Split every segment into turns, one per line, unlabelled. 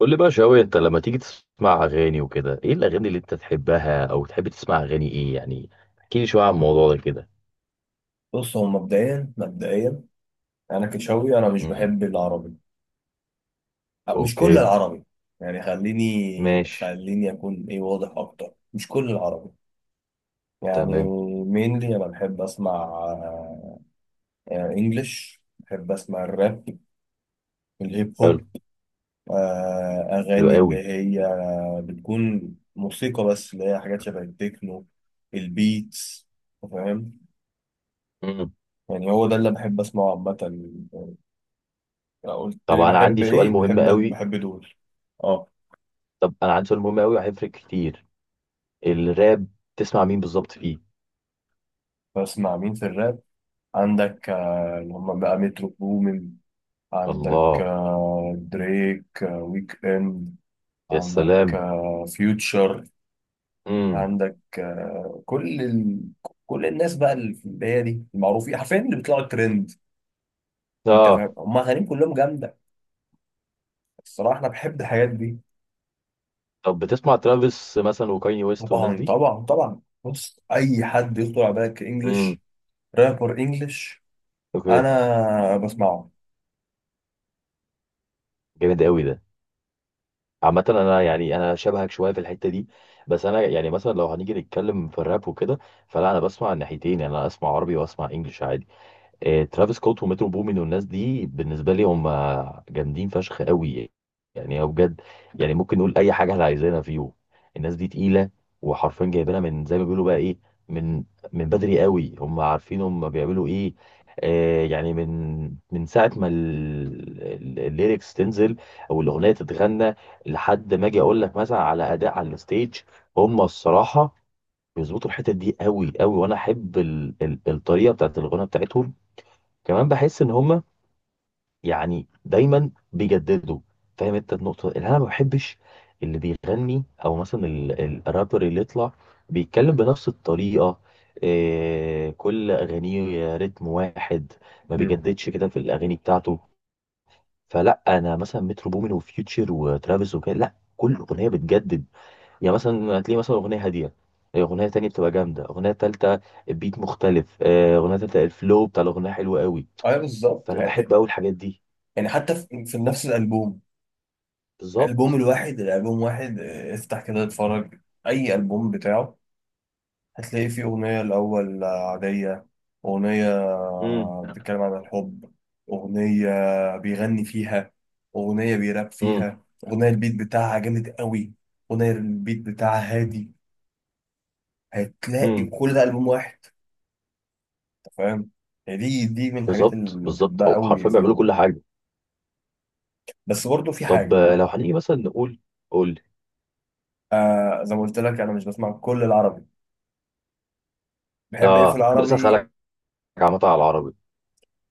قول لي بقى شوية، انت لما تيجي تسمع اغاني وكده ايه الاغاني اللي انت تحبها او تحب تسمع اغاني ايه يعني؟ احكي لي شوية عن الموضوع ده كده.
بص، هو مبدئيا انا كشاوي، انا مش
امم.
بحب العربي. مش كل
اوكي.
العربي. يعني خليني
ماشي.
خليني اكون واضح اكتر، مش كل العربي يعني.
تمام.
مينلي انا بحب اسمع انجلش، بحب اسمع الراب، الهيب
حلو.
هوب.
حلو
اغاني اللي
قوي.
هي بتكون موسيقى، بس اللي هي حاجات شبه التكنو، البيتس. فاهم؟
امم.
يعني هو ده اللي بحب اسمعه عامة. قلت
طب
لي
انا
بحب
عندي سؤال
ايه؟
مهم
بحب
قوي
بحب دول. اه،
طب انا عندي سؤال مهم قوي هيفرق كتير. الراب، تسمع مين بالظبط فيه؟
بسمع مين في الراب؟ عندك اللي هم بقى مترو بومين، عندك
الله.
دريك، ويك اند،
يا
عندك
سلام.
فيوتشر،
امم.
عندك كل الناس بقى اللي في البداية دي، المعروفين حرفيا، اللي بيطلعوا ترند. انت
اه.
فاهم، هم اغانيهم كلهم جامدة. الصراحة انا بحب الحاجات دي.
طب بتسمع ترافيس مثلا وكاني ويست والناس
طبعا
دي؟
طبعا طبعا، بص، اي حد يخطر على بالك
امم.
انجلش، رابر انجلش،
اوكي.
انا بسمعه.
جامد قوي ده. عامة انا، يعني انا شبهك شوية في الحتة دي، بس انا يعني مثلا لو هنيجي نتكلم في الراب وكده فلا انا بسمع الناحيتين، يعني انا اسمع عربي واسمع انجلش عادي. ترافيس سكوت ومترو بومين والناس دي بالنسبه لي هم جامدين فشخ قوي. يعني هو بجد، يعني ممكن نقول اي حاجه احنا عايزينها فيهم. الناس دي تقيله وحرفيا جايبينها من زي ما بيقولوا بقى ايه، من من بدري قوي. هم عارفين هم بيعملوا ايه. آه يعني من ساعه ما الليركس تنزل او الاغنيه تتغنى لحد ما اجي اقول لك مثلا على اداء على الستيج. هم الصراحه بيظبطوا الحتت دي قوي قوي، وانا احب الطريقه بتاعت الغنى بتاعتهم. كمان بحس ان هما يعني دايما بيجددوا. فاهم انت النقطه اللي انا ما بحبش؟ اللي بيغني او مثلا الرابر اللي يطلع بيتكلم بنفس الطريقه، إيه، كل اغانيه رتم واحد، ما
مم.
بيجددش كده في الاغاني بتاعته. فلا انا مثلا مترو بومين وفيوتشر وترافيس وكده لا، كل اغنيه بتجدد. يعني مثلا هتلاقي مثلا اغنيه هاديه، اغنيه تانية بتبقى جامده، اغنيه تالتة بيت مختلف، اغنيه تالتة الفلو بتاع الاغنيه حلو قوي.
ايوه بالظبط
فانا بحب
يعني
قوي الحاجات دي.
يعني حتى في نفس الالبوم، البوم
بالظبط.
الواحد، الالبوم واحد، افتح كده اتفرج اي البوم بتاعه، هتلاقي فيه اغنيه الاول عاديه، اغنيه
امم.
بتتكلم عن الحب، اغنيه بيغني فيها، اغنيه بيراب
امم.
فيها، اغنيه البيت بتاعها جامد قوي، اغنيه البيت بتاعها هادي، هتلاقي
امم.
كل ده البوم واحد. أنت فاهم؟ يعني دي من الحاجات
بالظبط
اللي
بالظبط،
بحبها
هو
قوي
حرفيا بيعملوا
فيهم.
كل حاجه.
بس برضه في
طب
حاجه.
لو هنيجي مثلا نقول، قول لي.
آه، زي ما قلت لك، انا مش بسمع كل العربي. بحب ايه في
اه، كنت لسه
العربي؟
هسألك عامة على العربي.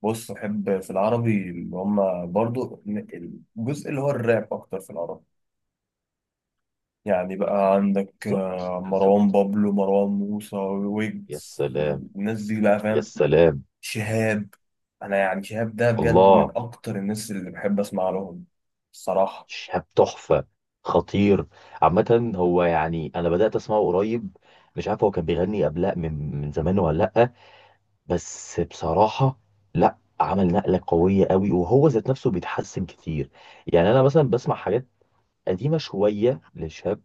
بص، بحب في العربي اللي هما برضو الجزء اللي هو الراب، أكتر في العربي. يعني بقى عندك
بالظبط
مروان
بالظبط.
بابلو، مروان موسى،
يا
ويجز،
سلام.
الناس دي بقى،
يا
فاهم؟
سلام.
شهاب، أنا يعني شهاب ده بجد
الله.
من أكتر الناس اللي بحب أسمع لهم، الصراحة.
شاب تحفه. خطير. عامة هو يعني انا بدأت اسمعه قريب، مش عارف هو كان بيغني قبلها من زمان ولا لأ، بس بصراحة لأ، عمل نقلة قوية قوي وهو ذات نفسه بيتحسن كتير. يعني انا مثلا بسمع حاجات قديمه شويه للشاب،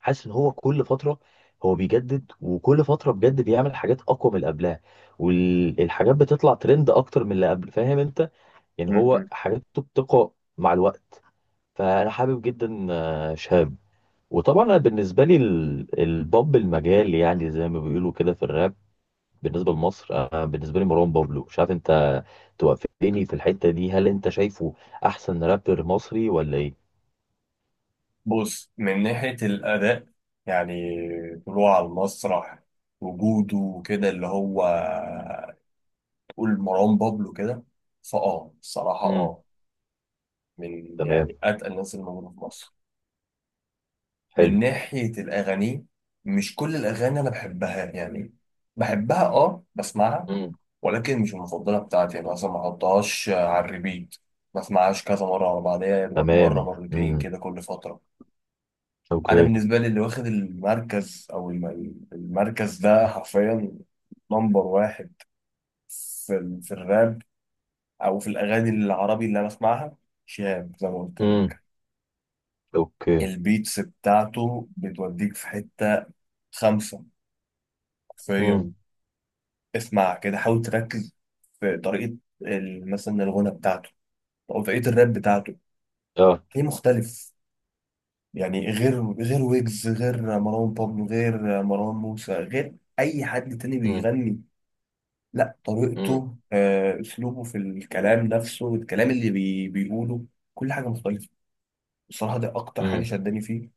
حاسس ان هو كل فتره هو بيجدد، وكل فتره بجد بيعمل حاجات اقوى من اللي قبلها، والحاجات بتطلع ترند اكتر من اللي قبل. فاهم انت، يعني
م-
هو
م.
حاجاته بتقوى مع الوقت. فانا حابب جدا شهاب. وطبعا انا بالنسبه لي البوب المجال، يعني زي ما بيقولوا كده في الراب بالنسبه لمصر، بالنسبه لي مروان بابلو. مش عارف انت توافقني في الحته دي، هل انت شايفه احسن رابر مصري ولا ايه؟
بص، من ناحية الأداء، يعني طلوعه على المسرح، وجوده وكده، اللي هو تقول مروان بابلو كده، فأه الصراحة
امم.
أه، من
تمام.
يعني اتقل الناس اللي موجوده في مصر. من
حلو.
ناحيه الاغاني، مش كل الاغاني انا بحبها يعني. بحبها، اه بسمعها، ولكن مش المفضله بتاعتي، يعني مثلا ما احطهاش على الريبيت، ما اسمعهاش كذا مره على بعضيها، يا دوبك مره
تمام.
مرتين
امم.
كده كل فتره. انا
اوكي.
بالنسبه لي اللي واخد المركز، او المركز ده حرفيا، نمبر واحد في في الراب، او في الاغاني العربي اللي انا بسمعها، شهاب زي ما قلت
امم.
لك.
اوكي.
البيتس بتاعته بتوديك في حتة خمسة، حرفيا.
امم.
اسمع كده، حاول تركز في طريقة مثلا الغنى بتاعته، أو طريقة الراب بتاعته،
اه.
ليه مختلف. يعني غير غير ويجز، غير مروان بابلو، غير مروان موسى، غير أي حد تاني
امم.
بيغني. لا،
امم.
طريقته، أسلوبه في الكلام، نفسه الكلام اللي بيقوله، كل حاجة مختلفة. بصراحة ده أكتر حاجة
امم.
شداني فيه،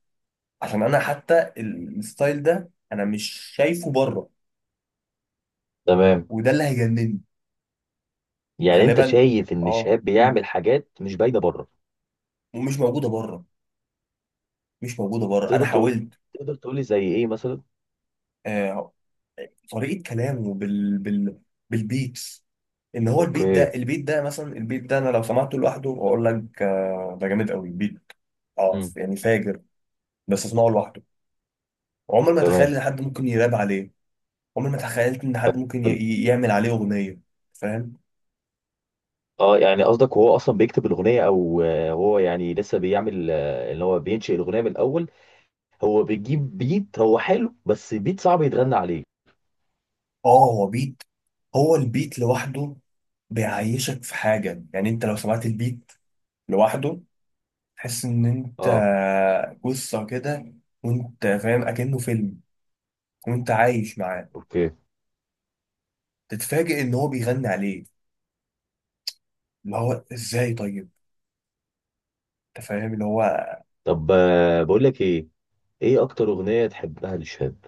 عشان أنا حتى الستايل ده أنا مش شايفه بره.
تمام.
وده اللي هيجنني.
يعني انت
غالبا.
شايف ان
اه.
الشهاب
مم.
بيعمل حاجات مش باينه بره؟
ومش موجوده بره، مش موجوده بره، انا
تقدر تقول،
حاولت.
تقدر تقول لي زي ايه مثلا؟
آه، طريقه كلامه بالبيتس، ان هو البيت
اوكي.
ده، البيت ده مثلا، البيت ده انا لو سمعته لوحده اقول لك آه ده جامد قوي البيت، اه
امم.
يعني فاجر، بس اسمعه لوحده عمر ما تخيل
تمام.
ان حد ممكن يراب عليه. عمر ما تخيلت ان حد ممكن ي-
حلو.
ي- يعمل عليه اغنيه. فاهم؟
اه يعني قصدك هو اصلا بيكتب الاغنيه، او هو يعني لسه بيعمل، اللي هو بينشئ الاغنيه من الاول؟ هو بيجيب بيت هو حلو، بس بيت صعب يتغنى عليه.
اه، هو بيت، هو البيت لوحده بيعيشك في حاجه. يعني انت لو سمعت البيت لوحده، تحس ان انت
اه.
قصة كده، وانت فاهم اكنه فيلم، وانت عايش معاه،
اوكي.
تتفاجئ ان هو بيغني عليه، اللي هو ازاي طيب. انت فاهم اللي هو.
طب بقول لك ايه، ايه اكتر اغنيه تحبها للشهاب؟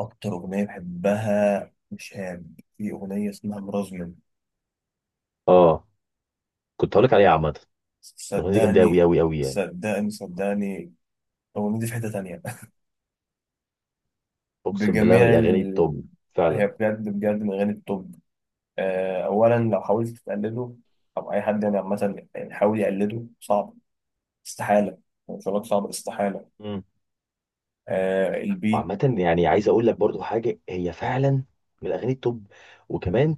اكتر اغنية بحبها مش هام، في اغنية اسمها مرازمن.
اه، كنت هقولك عليها عامة. الأغنية دي جامدة أوي
صدقني
أوي أوي يعني.
صدقني صدقني الاغنية دي في حتة تانية.
أقسم بالله من
بجميع
الأغاني التوب،
هي
فعلا.
بجد بجد من اغاني التوب. اولا لو حاولت تقلده، او اي حد يعني عامة يحاول يقلده، صعب، استحالة. مش هقول لك صعب، استحالة.
مم.
آه البيت.
وعامة يعني عايز أقول لك برضو حاجة، هي فعلا من الأغاني التوب. وكمان،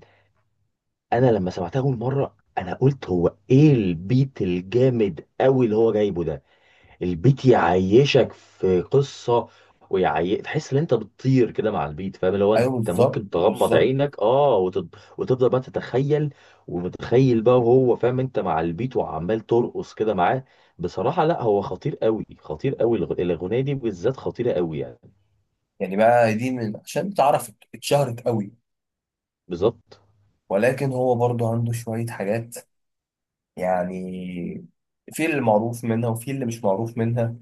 أنا لما سمعتها أول مرة أنا قلت هو إيه البيت الجامد أوي اللي هو جايبه ده. البيت يعيشك في قصة، تحس ان انت بتطير كده مع البيت. فاهم، لو
ايوه
انت
بالظبط
ممكن تغمض
بالظبط.
عينك، اه، وتفضل بقى تتخيل، ومتخيل بقى وهو، فاهم انت، مع البيت وعمال ترقص كده معاه. بصراحة لا، هو خطير قوي خطير قوي، الأغنية دي بالذات خطيرة قوي يعني.
يعني بقى دي من عشان تعرف اتشهرت قوي.
بالظبط.
ولكن هو برضو عنده شوية حاجات يعني، في اللي معروف منها، وفي اللي مش معروف منها.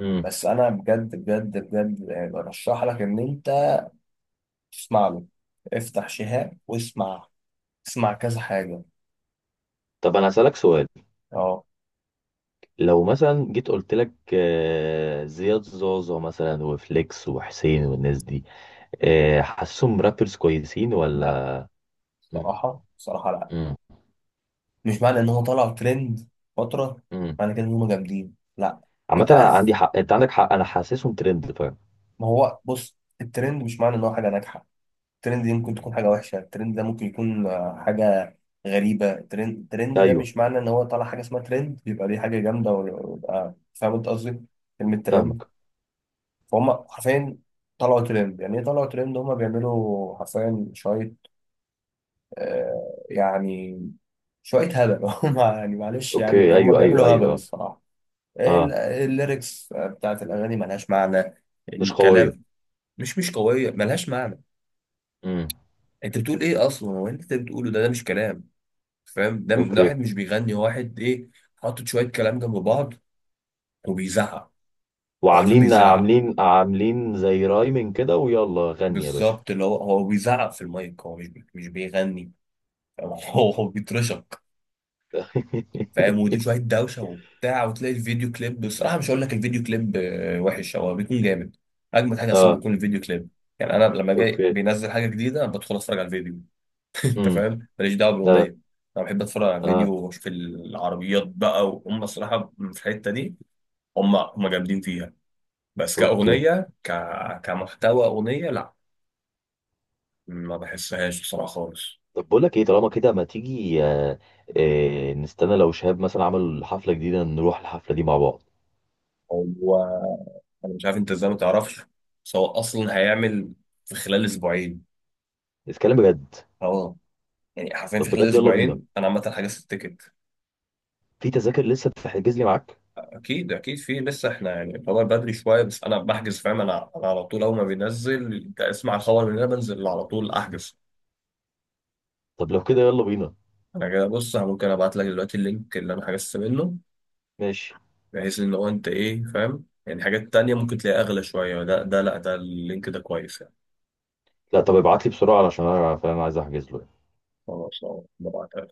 امم.
بس انا بجد بجد بجد برشح لك ان انت تسمع له، افتح شهاب واسمع، اسمع كذا حاجة.
طب انا هسألك سؤال،
اه،
لو مثلا جيت قلت لك زياد زوزو مثلا وفليكس وحسين والناس دي، حاسسهم رابرز كويسين
لا،
ولا؟ مم.
بصراحة بصراحة لا.
امم.
مش معنى ان هو طلع ترند فترة،
امم.
معنى كده ان هم جامدين، لا.
عامة
انت
أنا
عارف،
عندي حق، انت عندك حق، انا حاسسهم ترند، فاهم.
ما هو بص، الترند مش معنى ان هو حاجة ناجحة. الترند دي ممكن
امم.
تكون حاجة وحشة، الترند ده ممكن يكون حاجة غريبة. الترند ده
ايوه.
مش معنى ان هو طالع حاجة اسمها ترند يبقى دي حاجة جامدة، ويبقى فاهم انت قصدي، كلمة ترند،
فاهمك.
فهم حرفيا، طلعوا ترند يعني ايه؟ طلعوا ترند هم بيعملوا حرفيا شوية، آه، يعني شوية هبل. هم يعني معلش يعني،
اوكي.
هم
ايوه
بيعملوا
ايوه
هبل
ايوه. اه.
الصراحة.
اه،
الليركس بتاعت الأغاني ملهاش معنى،
مش قوية.
الكلام مش قوية، ملهاش معنى.
امم.
انت بتقول ايه اصلا؟ هو انت بتقوله ده، ده مش كلام. فاهم؟ ده
اوكي.
واحد مش بيغني، هو واحد ايه، حاطط شويه كلام جنب بعض وبيزعق. هو حرفيا
وعاملين
بيزعق،
عاملين عاملين زي رايمين كده، ويلا غني يا باشا.
بالظبط، اللي هو بيزعق في المايك، هو مش مش بيغني. فاهم؟ هو بيترشق. فاهم؟ ودي شويه دوشه وبتاع، وتلاقي الفيديو كليب بصراحه، مش هقول لك الفيديو كليب وحش، هو بيكون جامد. اجمد حاجه اصلا
اه.
بيكون الفيديو كليب. يعني انا لما جاي
اوكي.
بينزل حاجه جديده، انا بدخل اتفرج على الفيديو. انت
امم.
فاهم، ماليش دعوه
اه.
بالاغنيه، انا بحب اتفرج على
اه.
الفيديو واشوف العربيات بقى. وهم الصراحه في الحته دي، هم جامدين فيها. بس
اوكي.
كأغنية، كمحتوى أغنية، لا، ما بحسهاش بصراحة خالص.
طب بقول لك ايه، طالما كده ما تيجي، نستنى لو شهاب مثلا عمل حفلة جديدة نروح الحفلة دي مع بعض.
هو أنا مش عارف أنت إزاي ما تعرفش، بس هو أصلا هيعمل في خلال أسبوعين.
نتكلم بجد.
أه، يعني حرفيا
طب
في خلال
بجد، يلا بينا.
أسبوعين، أنا عامة حجزت التيكت.
في تذاكر لسه بتحجز لي معاك؟
أكيد أكيد في لسه، إحنا يعني الخبر بدري شوية، بس أنا بحجز، فاهم؟ أنا أنا على طول، أول ما بينزل أسمع الخبر من هنا بنزل على طول أحجز.
طب لو كده يلا بينا.
أنا كده، بص، أنا ممكن أبعت لك دلوقتي اللينك اللي أنا حجزت منه،
ماشي.
بحيث ان هو انت ايه فاهم، يعني حاجات تانية ممكن تلاقيها اغلى شوية، ده ده لا، ده اللينك ده كويس يعني.
لا طب ابعت لي بسرعة علشان انا، فاهم، عايز احجز له.
خلاص، اه، ببعت.